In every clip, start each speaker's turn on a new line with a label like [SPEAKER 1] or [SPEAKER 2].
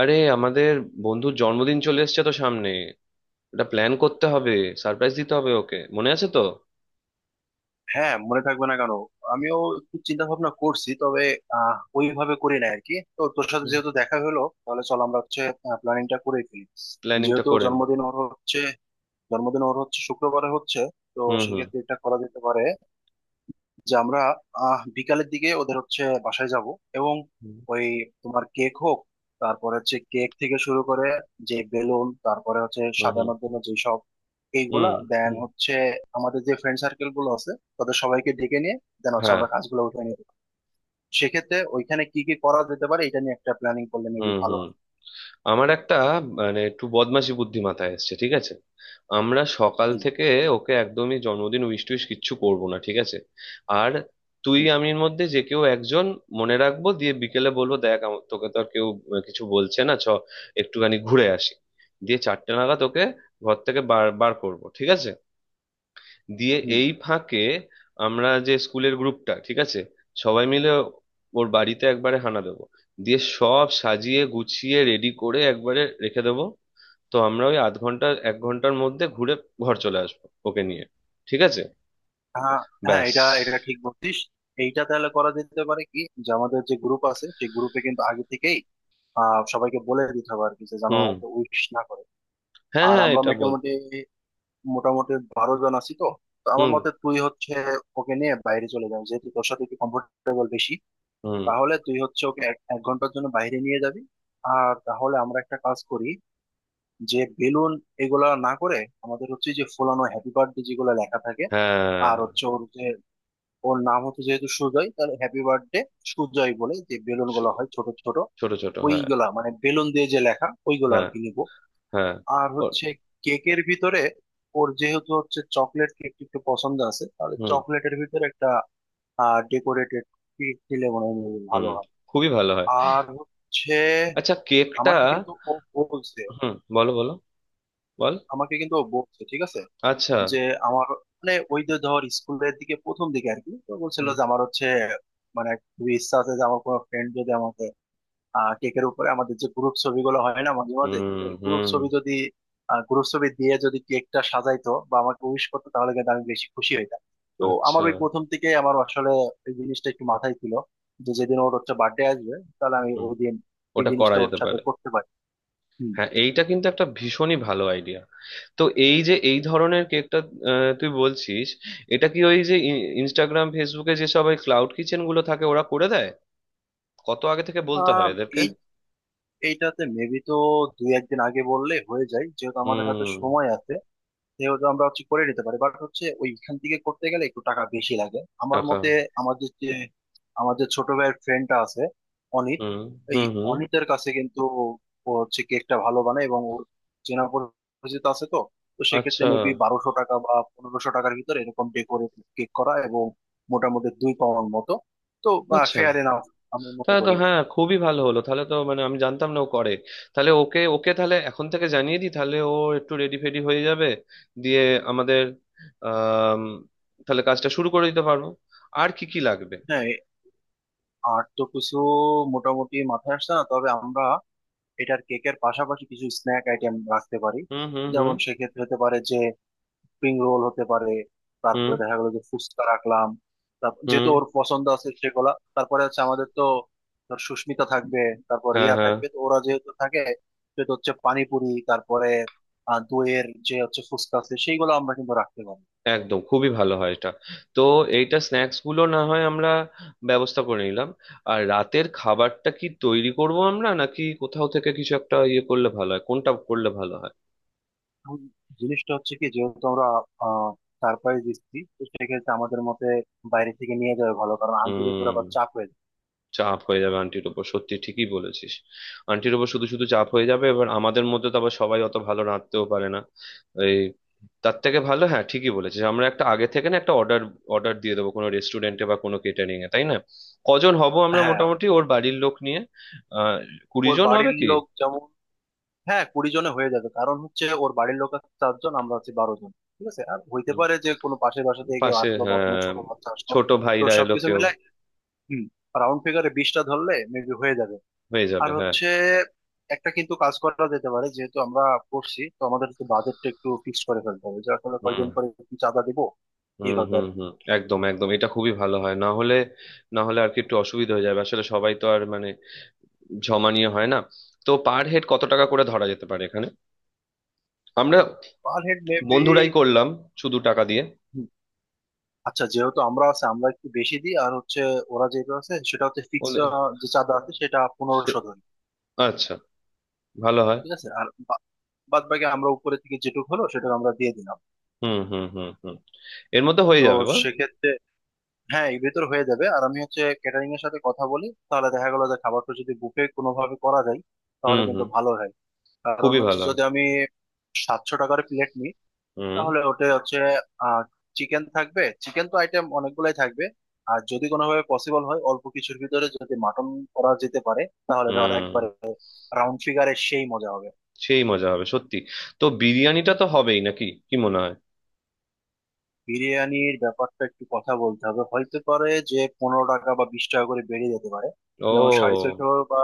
[SPEAKER 1] আরে আমাদের বন্ধুর জন্মদিন চলে এসছে তো সামনে। এটা প্ল্যান করতে হবে। সারপ্রাইজ দিতে হবে ওকে, মনে আছে তো?
[SPEAKER 2] হ্যাঁ, মনে থাকবে না কেন? আমিও একটু চিন্তা ভাবনা করছি, তবে ওইভাবে করি না আর কি। তো তোর সাথে
[SPEAKER 1] হুম।
[SPEAKER 2] যেহেতু দেখা হলো, তাহলে চল আমরা হচ্ছে প্ল্যানিংটা করে ফেলি।
[SPEAKER 1] প্ল্যানিংটা
[SPEAKER 2] যেহেতু
[SPEAKER 1] করেন।
[SPEAKER 2] জন্মদিন ওর হচ্ছে, শুক্রবারে হচ্ছে, তো
[SPEAKER 1] হুম হুম।
[SPEAKER 2] সেক্ষেত্রে এটা করা যেতে পারে যে আমরা বিকালের দিকে ওদের হচ্ছে বাসায় যাব এবং
[SPEAKER 1] হুম।
[SPEAKER 2] ওই তোমার কেক হোক। তারপরে হচ্ছে কেক থেকে শুরু করে যে বেলুন, তারপরে হচ্ছে
[SPEAKER 1] হুম হুম
[SPEAKER 2] সাজানোর জন্য যেসব এইগুলা,
[SPEAKER 1] হুম
[SPEAKER 2] দেন
[SPEAKER 1] হুম।
[SPEAKER 2] হচ্ছে আমাদের যে ফ্রেন্ড সার্কেল গুলো আছে তাদের সবাইকে ডেকে নিয়ে দেন হচ্ছে
[SPEAKER 1] হ্যাঁ।
[SPEAKER 2] আমরা কাজগুলো উঠে নিয়ে যাবো। সেক্ষেত্রে ওইখানে কি কি করা যেতে পারে এটা নিয়ে একটা প্ল্যানিং করলে মেবি
[SPEAKER 1] হুম
[SPEAKER 2] ভালো
[SPEAKER 1] হুম।
[SPEAKER 2] হয়,
[SPEAKER 1] আমার একটা মানে একটু বদমাশি বুদ্ধি মাথায় এসছে, ঠিক আছে? আমরা সকাল
[SPEAKER 2] কি?
[SPEAKER 1] থেকে ওকে একদমই জন্মদিন উইশ টুইশ কিচ্ছু করব না, ঠিক আছে? আর তুই
[SPEAKER 2] হুম
[SPEAKER 1] আমির মধ্যে যে কেউ একজন মনে রাখবো, দিয়ে বিকেলে বলবো, দেখ তোকে তো আর কেউ কিছু বলছে না, চ একটুখানি ঘুরে আসি। দিয়ে চারটে নাগাদ ওকে ঘর থেকে বার বার করবো, ঠিক আছে? দিয়ে
[SPEAKER 2] হুম।
[SPEAKER 1] এই ফাঁকে আমরা যে স্কুলের গ্রুপটা, ঠিক আছে, সবাই মিলে ওর বাড়িতে একবারে হানা দেবো। দিয়ে সব সাজিয়ে গুছিয়ে রেডি করে একবারে রেখে দেবো। তো আমরা ওই আধ ঘন্টা এক ঘন্টার মধ্যে ঘুরে ঘর চলে আসবো ওকে নিয়ে, ঠিক আছে?
[SPEAKER 2] হ্যাঁ হ্যাঁ,
[SPEAKER 1] ব্যাস।
[SPEAKER 2] এটা এটা ঠিক বলছিস। এইটা তাহলে করা যেতে পারে কি, যে আমাদের যে গ্রুপ আছে সেই গ্রুপে কিন্তু আগে থেকেই সবাইকে বলে দিতে হবে আর কি, যে যেন
[SPEAKER 1] হুম।
[SPEAKER 2] ওকে উইশ না করে।
[SPEAKER 1] হ্যাঁ
[SPEAKER 2] আর
[SPEAKER 1] হ্যাঁ,
[SPEAKER 2] আমরা
[SPEAKER 1] এটা বল।
[SPEAKER 2] মোটামুটি মোটামুটি 12 জন আছি তো। তো আমার
[SPEAKER 1] হুম
[SPEAKER 2] মতে তুই হচ্ছে ওকে নিয়ে বাইরে চলে যাবি, যেহেতু তোর সাথে একটু কমফোর্টেবল বেশি।
[SPEAKER 1] হুম।
[SPEAKER 2] তাহলে তুই হচ্ছে ওকে এক এক ঘন্টার জন্য বাইরে নিয়ে যাবি। আর তাহলে আমরা একটা কাজ করি, যে বেলুন এগুলা না করে আমাদের হচ্ছে যে ফোলানো হ্যাপি বার্থডে যেগুলো লেখা থাকে,
[SPEAKER 1] হ্যাঁ
[SPEAKER 2] আর হচ্ছে ওর যে, ওর নাম হচ্ছে যেহেতু সুজয়, তাহলে হ্যাপি বার্থডে সুজয় বলে যে বেলুন
[SPEAKER 1] ছো-
[SPEAKER 2] গুলো হয় ছোট ছোট,
[SPEAKER 1] ছোট ছোট, হ্যাঁ।
[SPEAKER 2] ওইগুলা মানে বেলুন দিয়ে যে লেখা ওইগুলো আর
[SPEAKER 1] হ্যাঁ
[SPEAKER 2] কি নিবো।
[SPEAKER 1] হ্যাঁ।
[SPEAKER 2] আর
[SPEAKER 1] ও-
[SPEAKER 2] হচ্ছে কেকের ভিতরে, ওর যেহেতু হচ্ছে চকলেট কেক একটু পছন্দ আছে, তাহলে
[SPEAKER 1] হুম।
[SPEAKER 2] চকলেটের ভিতরে একটা ডেকোরেটেড কেক দিলে মনে হয় ভালো
[SPEAKER 1] হুম,
[SPEAKER 2] হয়।
[SPEAKER 1] খুবই ভালো হয়।
[SPEAKER 2] আর হচ্ছে
[SPEAKER 1] আচ্ছা, কেকটা।
[SPEAKER 2] আমাকে কিন্তু ও বলছে,
[SPEAKER 1] হুম, বলো বলো। বল।
[SPEAKER 2] ঠিক আছে,
[SPEAKER 1] আচ্ছা।
[SPEAKER 2] যে আমার, মানে ওই যে ধর স্কুলের দিকে প্রথম দিকে আর কি, তো বলছিল যে আমার হচ্ছে, মানে খুবই ইচ্ছা আছে যে আমার কোনো ফ্রেন্ড যদি আমাকে কেকের উপরে আমাদের যে গ্রুপ ছবিগুলো হয় না মাঝে মাঝে, তো
[SPEAKER 1] হুম
[SPEAKER 2] এই
[SPEAKER 1] হুম।
[SPEAKER 2] গ্রুপ ছবি দিয়ে যদি কেকটা সাজাইতো বা আমাকে উইশ করতো, তাহলে কিন্তু আমি বেশি খুশি হইতাম। তো আমার
[SPEAKER 1] আচ্ছা।
[SPEAKER 2] ওই প্রথম থেকে আমার আসলে এই জিনিসটা একটু মাথায় ছিল, যে যেদিন ওর হচ্ছে বার্থডে আসবে তাহলে আমি
[SPEAKER 1] হুম,
[SPEAKER 2] ওই দিন এই
[SPEAKER 1] ওটা করা
[SPEAKER 2] জিনিসটা ওর
[SPEAKER 1] যেতে
[SPEAKER 2] সাথে
[SPEAKER 1] পারে।
[SPEAKER 2] করতে পারি। হুম।
[SPEAKER 1] হ্যাঁ, এইটা কিন্তু একটা ভীষণই ভালো আইডিয়া। তো এই যে এই ধরনের কেকটা তুই বলছিস, এটা কি ওই যে ইনস্টাগ্রাম ফেসবুকে যে সব ওই ক্লাউড কিচেন গুলো থাকে, ওরা করে দেয়? কত আগে থেকে বলতে
[SPEAKER 2] আহ
[SPEAKER 1] হয় এদেরকে?
[SPEAKER 2] এই এইটাতে মেবি তো দুই একদিন আগে বললে হয়ে যায়, যেহেতু আমাদের হাতে
[SPEAKER 1] হুম।
[SPEAKER 2] সময় আছে। যেহেতু আমরা হচ্ছে করে নিতে পারি, বাট হচ্ছে ওইখান থেকে করতে গেলে একটু টাকা বেশি লাগে আমার
[SPEAKER 1] টাকা।
[SPEAKER 2] মতে। আমাদের যে আমাদের ছোট ভাইয়ের ফ্রেন্ডটা আছে, অনিত,
[SPEAKER 1] হুম
[SPEAKER 2] এই
[SPEAKER 1] হুম হুম।
[SPEAKER 2] অনিতের কাছে কিন্তু, ও হচ্ছে কেকটা ভালো বানায় এবং ওর চেনা পরিচিত আছে তো। তো সেক্ষেত্রে
[SPEAKER 1] আচ্ছা।
[SPEAKER 2] মেবি 1200 টাকা বা পনেরোশো টাকার ভিতরে এরকম ডেকোরেট কেক করা, এবং মোটামুটি 2 পাউন্ড মতো। তো
[SPEAKER 1] আচ্ছা।
[SPEAKER 2] ফেয়ার এনাফ আমি মনে
[SPEAKER 1] তাহলে তো
[SPEAKER 2] করি।
[SPEAKER 1] হ্যাঁ, খুবই ভালো হলো, তাহলে তো মানে আমি জানতাম না ও করে। তাহলে ওকে ওকে তাহলে এখন থেকে জানিয়ে দিই, তাহলে ও একটু রেডি ফেডি হয়ে যাবে। দিয়ে আমাদের আহ তাহলে কাজটা শুরু করে দিতে পারবো। আর কি কি লাগবে?
[SPEAKER 2] হ্যাঁ, আর তো কিছু মোটামুটি মাথায় আসছে না, তবে আমরা এটার কেকের পাশাপাশি কিছু স্ন্যাক আইটেম রাখতে পারি।
[SPEAKER 1] হুম হুম হুম
[SPEAKER 2] যেমন সেক্ষেত্রে হতে পারে যে স্প্রিং রোল হতে পারে,
[SPEAKER 1] হুম
[SPEAKER 2] তারপরে দেখা গেলো যে ফুচকা রাখলাম, তারপর যেহেতু
[SPEAKER 1] হুম।
[SPEAKER 2] ওর পছন্দ আছে সেগুলা, তারপরে হচ্ছে আমাদের তো ধর সুস্মিতা থাকবে, তারপর
[SPEAKER 1] হ্যাঁ
[SPEAKER 2] রিয়া
[SPEAKER 1] হ্যাঁ।
[SPEAKER 2] থাকবে, তো ওরা যেহেতু থাকে সেহেতু হচ্ছে পানিপুরি, তারপরে দইয়ের যে হচ্ছে ফুচকা আছে সেইগুলো আমরা কিন্তু রাখতে পারি।
[SPEAKER 1] একদম খুবই ভালো হয় এটা। তো এইটা স্ন্যাক্স গুলো না হয় আমরা ব্যবস্থা করে নিলাম। আর রাতের খাবারটা কি তৈরি করব আমরা নাকি কোথাও থেকে কিছু একটা ইয়ে করলে ভালো হয়, কোনটা করলে ভালো হয়?
[SPEAKER 2] এখন জিনিসটা হচ্ছে কি, যেহেতু আমরা সারপ্রাইজ দিচ্ছি তো সেক্ষেত্রে আমাদের মতে বাইরে থেকে নিয়ে যাওয়া ভালো, কারণ আনতে গিয়ে পুরো
[SPEAKER 1] হুম,
[SPEAKER 2] আবার চাপ হয়ে যায়।
[SPEAKER 1] চাপ হয়ে যাবে আন্টির উপর, সত্যি ঠিকই বলেছিস। আন্টির উপর শুধু শুধু চাপ হয়ে যাবে, এবার আমাদের মধ্যে তো আবার সবাই অত ভালো রাঁধতেও পারে না। এই, তার থেকে ভালো, হ্যাঁ ঠিকই বলেছিস, আমরা একটা আগে থেকে, না, একটা অর্ডার অর্ডার দিয়ে দেবো কোনো রেস্টুরেন্টে বা কোনো কেটারিং এ, তাই না? কজন হব আমরা
[SPEAKER 2] হ্যাঁ,
[SPEAKER 1] মোটামুটি ওর বাড়ির লোক নিয়ে? আহ কুড়ি
[SPEAKER 2] ওর
[SPEAKER 1] জন হবে
[SPEAKER 2] বাড়ির
[SPEAKER 1] কি?
[SPEAKER 2] লোক যেমন, হ্যাঁ 20 জনে হয়ে যাবে, কারণ হচ্ছে ওর বাড়ির লোক আছে চারজন, আমরা আছি 12 জন। ঠিক আছে, আর হইতে
[SPEAKER 1] হুম,
[SPEAKER 2] পারে যে কোনো পাশের বাসা থেকে কেউ
[SPEAKER 1] পাশে
[SPEAKER 2] আসলো বা কোনো
[SPEAKER 1] হ্যাঁ,
[SPEAKER 2] ছোট বাচ্চা আসলো,
[SPEAKER 1] ছোট
[SPEAKER 2] তো
[SPEAKER 1] ভাইরা এলো
[SPEAKER 2] সবকিছু
[SPEAKER 1] কেউ।
[SPEAKER 2] মিলাই, হুম, রাউন্ড ফিগারে 20টা ধরলে মেবি হয়ে যাবে।
[SPEAKER 1] হয়ে যাবে,
[SPEAKER 2] আর
[SPEAKER 1] হ্যাঁ।
[SPEAKER 2] হচ্ছে একটা কিন্তু কাজ করা যেতে পারে, যেহেতু আমরা করছি তো আমাদের তো বাজেটটা একটু ফিক্স করে ফেলতে হবে, যে আসলে
[SPEAKER 1] হুম
[SPEAKER 2] কয়জন করে কি চাঁদা দিব
[SPEAKER 1] হুম
[SPEAKER 2] এইভাবে
[SPEAKER 1] হুম
[SPEAKER 2] আর কি।
[SPEAKER 1] হুম। একদম একদম, এটা খুবই ভালো হয়, না হলে না হলে আর কি একটু অসুবিধা হয়ে যাবে আসলে, সবাই তো আর মানে জমা নিয়ে হয় না। তো পার হেড কত টাকা করে ধরা যেতে পারে এখানে? আমরা
[SPEAKER 2] পার হেড মেবি,
[SPEAKER 1] বন্ধুরাই করলাম শুধু টাকা দিয়ে।
[SPEAKER 2] আচ্ছা যেহেতু আমরা আছে আমরা একটু বেশি দিই, আর হচ্ছে ওরা যেটা আছে সেটা হচ্ছে ফিক্স,
[SPEAKER 1] বলে,
[SPEAKER 2] যে চাঁদা আছে সেটা 1500
[SPEAKER 1] সে-
[SPEAKER 2] ধরি।
[SPEAKER 1] আচ্ছা, ভালো হয়।
[SPEAKER 2] ঠিক আছে, আর বাদ বাকি আমরা উপরে থেকে যেটুকু হলো সেটা আমরা দিয়ে দিলাম।
[SPEAKER 1] হুম হুম হুম হুম, এর মধ্যে হয়ে
[SPEAKER 2] তো
[SPEAKER 1] যাবে বল।
[SPEAKER 2] সেক্ষেত্রে হ্যাঁ এর ভিতর হয়ে যাবে। আর আমি হচ্ছে ক্যাটারিং এর সাথে কথা বলি, তাহলে দেখা গেলো যে খাবারটা যদি বুফে কোনোভাবে করা যায়
[SPEAKER 1] হুম
[SPEAKER 2] তাহলে কিন্তু
[SPEAKER 1] হুম,
[SPEAKER 2] ভালো হয়। কারণ
[SPEAKER 1] খুবই
[SPEAKER 2] হচ্ছে
[SPEAKER 1] ভালো হয়।
[SPEAKER 2] যদি আমি 700 টাকার প্লেট নিই
[SPEAKER 1] হুম
[SPEAKER 2] তাহলে ওটা হচ্ছে আহ চিকেন থাকবে, চিকেন তো আইটেম অনেকগুলাই থাকবে, আর যদি কোনোভাবে পসিবল হয় অল্প কিছুর ভিতরে যদি মাটন করা যেতে পারে, তাহলে ধর
[SPEAKER 1] হুম,
[SPEAKER 2] একবারে রাউন্ড ফিগারে সেই মজা হবে।
[SPEAKER 1] সেই মজা হবে সত্যি। তো বিরিয়ানিটা তো হবেই নাকি? কি মনে হয়?
[SPEAKER 2] বিরিয়ানির ব্যাপারটা একটু কথা বলতে হবে, হইতে পারে যে 15 টাকা বা 20 টাকা করে বেড়ে যেতে পারে, যেমন সাড়ে
[SPEAKER 1] ও
[SPEAKER 2] ছয়শো বা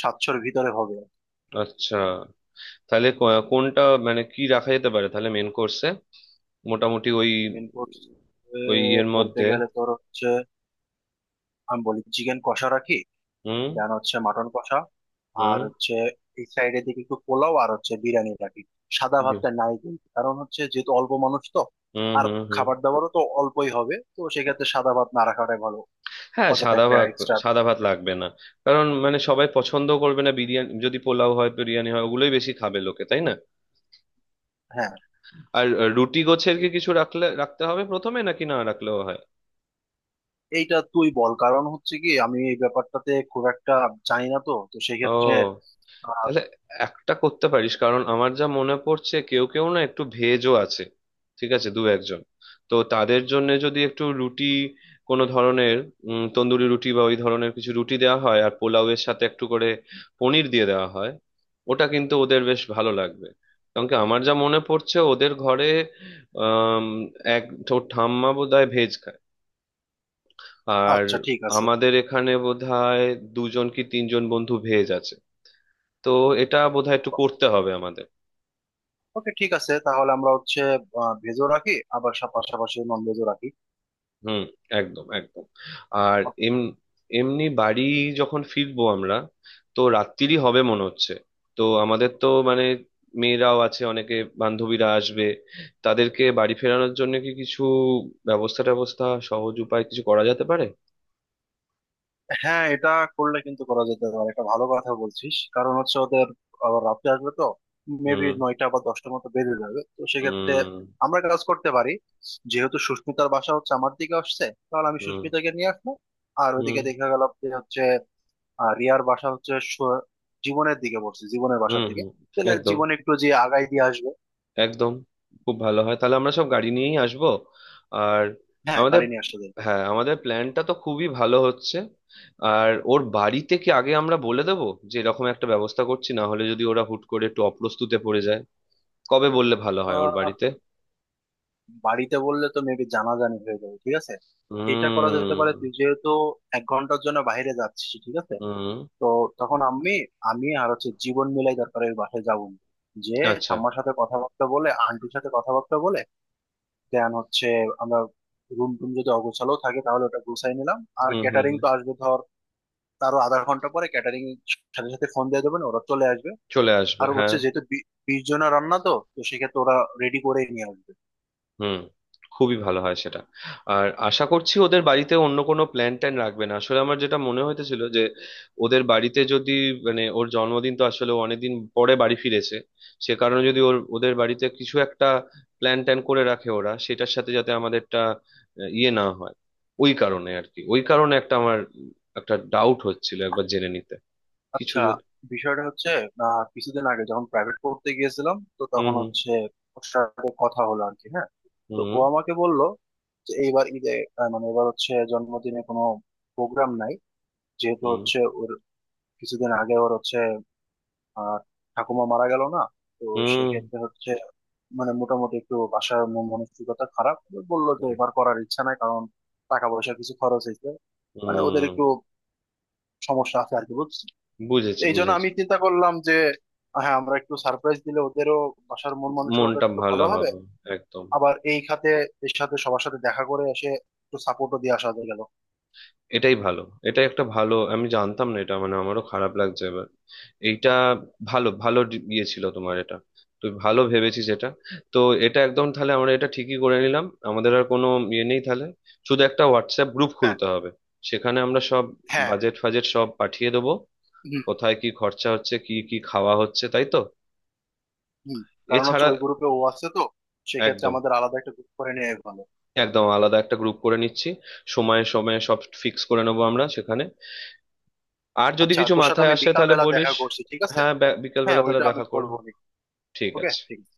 [SPEAKER 2] 700-এর ভিতরে হবে।
[SPEAKER 1] আচ্ছা। তাহলে কোনটা মানে কি রাখা যেতে পারে তাহলে মেন কোর্সে, মোটামুটি ওই
[SPEAKER 2] মেন কোর্স
[SPEAKER 1] ওই ইয়ের
[SPEAKER 2] বলতে
[SPEAKER 1] মধ্যে?
[SPEAKER 2] গেলে তোর হচ্ছে, আমি বলি চিকেন কষা রাখি,
[SPEAKER 1] হুম
[SPEAKER 2] দেন হচ্ছে মাটন কষা,
[SPEAKER 1] হুম।
[SPEAKER 2] আর হচ্ছে এই সাইডের দিকে একটু পোলাও আর হচ্ছে বিরিয়ানি রাখি। সাদা
[SPEAKER 1] বি-
[SPEAKER 2] ভাতটা নাই কিন্তু, কারণ হচ্ছে যেহেতু অল্প মানুষ তো,
[SPEAKER 1] হুম
[SPEAKER 2] আর
[SPEAKER 1] হুম হুম।
[SPEAKER 2] খাবার দাবারও তো অল্পই হবে, তো সেক্ষেত্রে সাদা ভাত না রাখাটাই ভালো,
[SPEAKER 1] হ্যাঁ,
[SPEAKER 2] অযথা
[SPEAKER 1] সাদা
[SPEAKER 2] একটা
[SPEAKER 1] ভাত,
[SPEAKER 2] এক্সট্রা।
[SPEAKER 1] সাদা ভাত লাগবে না। কারণ মানে সবাই পছন্দ করবে না, বিরিয়ানি যদি পোলাও হয়, বিরিয়ানি হয়, ওগুলোই বেশি খাবে লোকে, তাই না?
[SPEAKER 2] হ্যাঁ,
[SPEAKER 1] আর রুটি গোছের কি
[SPEAKER 2] এ-
[SPEAKER 1] কিছু রাখলে রাখতে হবে প্রথমে নাকি না রাখলেও হয়?
[SPEAKER 2] এইটা তুই বল, কারণ হচ্ছে কি আমি এই ব্যাপারটাতে খুব একটা জানি না তো, তো
[SPEAKER 1] ও,
[SPEAKER 2] সেক্ষেত্রে আহ,
[SPEAKER 1] তাহলে একটা করতে পারিস, কারণ আমার যা মনে পড়ছে কেউ কেউ না একটু ভেজও আছে, ঠিক আছে, দু একজন। তো তাদের জন্য যদি একটু রুটি, কোনো ধরনের তন্দুরি রুটি বা ওই ধরনের কিছু রুটি দেওয়া হয় আর পোলাওয়ের সাথে একটু করে পনির দিয়ে দেওয়া হয়, ওটা কিন্তু ওদের বেশ ভালো লাগবে। কারণ কি আমার যা মনে পড়ছে ওদের ঘরে আম, এক ঠাম্মা বোধহয় ভেজ খায়। আর
[SPEAKER 2] আচ্ছা ঠিক আছে।
[SPEAKER 1] আমাদের এখানে বোধহয় দুজন কি তিনজন বন্ধু ভেজ আছে। তো এটা বোধহয় একটু করতে হবে আমাদের।
[SPEAKER 2] ওকে ঠিক আছে, তাহলে আমরা হচ্ছে ভেজও রাখি, আবার পাশাপাশি নন ভেজও রাখি।
[SPEAKER 1] হুম। একদম একদম। আর এম এমনি বাড়ি যখন ফিরবো আমরা তো রাত্রিরই হবে মনে হচ্ছে। তো আমাদের তো মানে মেয়েরাও আছে অনেকে, বান্ধবীরা আসবে, তাদেরকে বাড়ি ফেরানোর জন্য কি কিছু ব্যবস্থা ট্যাবস্থা সহজ উপায় কিছু করা যেতে পারে?
[SPEAKER 2] হ্যাঁ, এটা করলে কিন্তু করা যেতে পারে, এটা ভালো কথা বলছিস। কারণ হচ্ছে ওদের আবার রাতে আসবে তো মেবি
[SPEAKER 1] হুম
[SPEAKER 2] 9টা বা 10টার মতো বেজে যাবে, তো সেক্ষেত্রে
[SPEAKER 1] হুম
[SPEAKER 2] আমরা একটা কাজ করতে পারি। যেহেতু সুস্মিতার বাসা হচ্ছে আমার দিকে আসছে, তাহলে আমি
[SPEAKER 1] হুম
[SPEAKER 2] সুস্মিতাকে নিয়ে আসবো। আর
[SPEAKER 1] হুম
[SPEAKER 2] ওইদিকে দেখা গেল যে হচ্ছে রিয়ার বাসা হচ্ছে জীবনের দিকে পড়ছে, জীবনের
[SPEAKER 1] হুম
[SPEAKER 2] বাসার দিকে,
[SPEAKER 1] হুম।
[SPEAKER 2] তাহলে
[SPEAKER 1] একদম
[SPEAKER 2] জীবন একটু যে আগাই দিয়ে আসবে।
[SPEAKER 1] একদম, খুব ভালো হয়, তাহলে আমরা সব গাড়ি নিয়েই আসবো। আর
[SPEAKER 2] হ্যাঁ
[SPEAKER 1] আমাদের
[SPEAKER 2] গাড়ি নিয়ে আসতে দেয়।
[SPEAKER 1] হ্যাঁ, আমাদের প্ল্যানটা তো খুবই ভালো হচ্ছে। আর ওর বাড়িতে কি আগে আমরা বলে দেবো যে এরকম একটা ব্যবস্থা করছি, না হলে যদি ওরা হুট করে একটু অপ্রস্তুতে পড়ে যায়? কবে বললে ভালো হয় ওর বাড়িতে?
[SPEAKER 2] বাড়িতে বললে তো মেবি জানাজানি হয়ে যাবে ঠিক আছে, এইটা করা যেতে পারে। তুই
[SPEAKER 1] হুম
[SPEAKER 2] যেহেতু এক ঘন্টার জন্য বাইরে যাচ্ছিস ঠিক আছে,
[SPEAKER 1] হুম।
[SPEAKER 2] তো তখন আমি, আর হচ্ছে জীবন মিলাই দরকারের বাসায় যাবো না। যে
[SPEAKER 1] আচ্ছা।
[SPEAKER 2] ঠাম্মার সাথে কথাবার্তা বলে, আন্টির সাথে কথাবার্তা বলে, দেন হচ্ছে আমরা রুম টুম যদি অগোছালো থাকে তাহলে ওটা গুছাই নিলাম। আর
[SPEAKER 1] হুম হুম
[SPEAKER 2] ক্যাটারিং
[SPEAKER 1] হুম।
[SPEAKER 2] তো আসবে ধর তারও আধা ঘন্টা পরে, ক্যাটারিং সাথে সাথে ফোন দিয়ে দেবেন ওরা চলে আসবে।
[SPEAKER 1] চলে আসবে,
[SPEAKER 2] আর
[SPEAKER 1] হ্যাঁ।
[SPEAKER 2] হচ্ছে যেহেতু 20 জনের রান্না তো, তো সেক্ষেত্রে ওরা রেডি করেই নিয়ে আসবে।
[SPEAKER 1] হুম, খুবই ভালো হয় সেটা। আর আশা করছি ওদের বাড়িতে অন্য কোনো প্ল্যান ট্যান রাখবে না, আসলে আমার যেটা মনে হইতেছিল যে ওদের বাড়িতে যদি মানে ওর জন্মদিন তো আসলে ও অনেকদিন পরে বাড়ি ফিরেছে, সে কারণে যদি ওদের বাড়িতে কিছু একটা প্ল্যান ট্যান করে রাখে ওরা, সেটার সাথে যাতে আমাদেরটা ইয়ে না হয়। ওই কারণে আর কি, ওই কারণে একটা আমার একটা ডাউট হচ্ছিল একবার জেনে নিতে কিছু
[SPEAKER 2] আচ্ছা,
[SPEAKER 1] যদি।
[SPEAKER 2] বিষয়টা হচ্ছে কিছুদিন আগে যখন প্রাইভেট পড়তে গিয়েছিলাম তো
[SPEAKER 1] হুম
[SPEAKER 2] তখন
[SPEAKER 1] হুম
[SPEAKER 2] হচ্ছে ওর সাথে কথা হলো আর কি, হ্যাঁ। তো ও
[SPEAKER 1] হুম
[SPEAKER 2] আমাকে বলল যে এইবার ঈদে মানে এবার হচ্ছে জন্মদিনে কোনো প্রোগ্রাম নাই, যেহেতু
[SPEAKER 1] হুম
[SPEAKER 2] হচ্ছে ওর কিছুদিন আগে ওর হচ্ছে আহ ঠাকুমা মারা গেল না। তো
[SPEAKER 1] হুম
[SPEAKER 2] সেক্ষেত্রে হচ্ছে মানে মোটামুটি একটু বাসার মানসিকতা খারাপ। বললো যে
[SPEAKER 1] হুম
[SPEAKER 2] এবার করার ইচ্ছা নাই, কারণ টাকা পয়সা কিছু খরচ হয়েছে, মানে ওদের
[SPEAKER 1] হুম।
[SPEAKER 2] একটু সমস্যা আছে আর কি, বুঝছো?
[SPEAKER 1] বুঝেছি
[SPEAKER 2] এই জন্য
[SPEAKER 1] বুঝেছি।
[SPEAKER 2] আমি চিন্তা করলাম যে হ্যাঁ আমরা একটু সারপ্রাইজ দিলে ওদেরও বাসার মন মানসিকতা
[SPEAKER 1] মনটা
[SPEAKER 2] একটু
[SPEAKER 1] ভালো
[SPEAKER 2] ভালো হবে।
[SPEAKER 1] হবে, একদম।
[SPEAKER 2] আবার এই খাতে এর সাথে সবার সাথে দেখা করে এসে একটু সাপোর্টও দিয়ে আসা গেল।
[SPEAKER 1] এটাই ভালো, এটাই একটা ভালো, আমি জানতাম না এটা, মানে আমারও খারাপ লাগছে এবার। এইটা ভালো, ভালো ইয়ে ছিল তোমার এটা। তুই ভালো ভেবেছিস
[SPEAKER 2] হুম।
[SPEAKER 1] এটা। তো এটা একদম, তাহলে আমরা এটা ঠিকই করে নিলাম। আমাদের আর কোনো ইয়ে নেই তাহলে, শুধু একটা হোয়াটসঅ্যাপ গ্রুপ
[SPEAKER 2] হ্যাঁ
[SPEAKER 1] খুলতে হবে। সেখানে আমরা সব
[SPEAKER 2] হ্যাঁ।
[SPEAKER 1] বাজেট ফাজেট সব পাঠিয়ে দেবো,
[SPEAKER 2] হুম
[SPEAKER 1] কোথায় কি খরচা হচ্ছে, কি কি খাওয়া হচ্ছে, তাই তো?
[SPEAKER 2] হুম। কারণ হচ্ছে
[SPEAKER 1] এছাড়া
[SPEAKER 2] ওই গ্রুপে ও আছে তো, সেক্ষেত্রে
[SPEAKER 1] একদম,
[SPEAKER 2] আমাদের আলাদা একটা গ্রুপ করে নেওয়া ভালো।
[SPEAKER 1] একদম আলাদা একটা গ্রুপ করে নিচ্ছি। সময়ে সময়ে সব ফিক্স করে নেবো আমরা সেখানে। আর যদি
[SPEAKER 2] আচ্ছা
[SPEAKER 1] কিছু
[SPEAKER 2] তোর সাথে
[SPEAKER 1] মাথায়
[SPEAKER 2] আমি
[SPEAKER 1] আসে
[SPEAKER 2] বিকাল
[SPEAKER 1] তাহলে
[SPEAKER 2] বেলা দেখা
[SPEAKER 1] বলিস।
[SPEAKER 2] করছি ঠিক আছে।
[SPEAKER 1] হ্যাঁ,
[SPEAKER 2] হ্যাঁ
[SPEAKER 1] বিকেলবেলা তাহলে
[SPEAKER 2] ওইটা আমি
[SPEAKER 1] দেখা করো।
[SPEAKER 2] বলবো।
[SPEAKER 1] ঠিক
[SPEAKER 2] ওকে
[SPEAKER 1] আছে।
[SPEAKER 2] ঠিক আছে।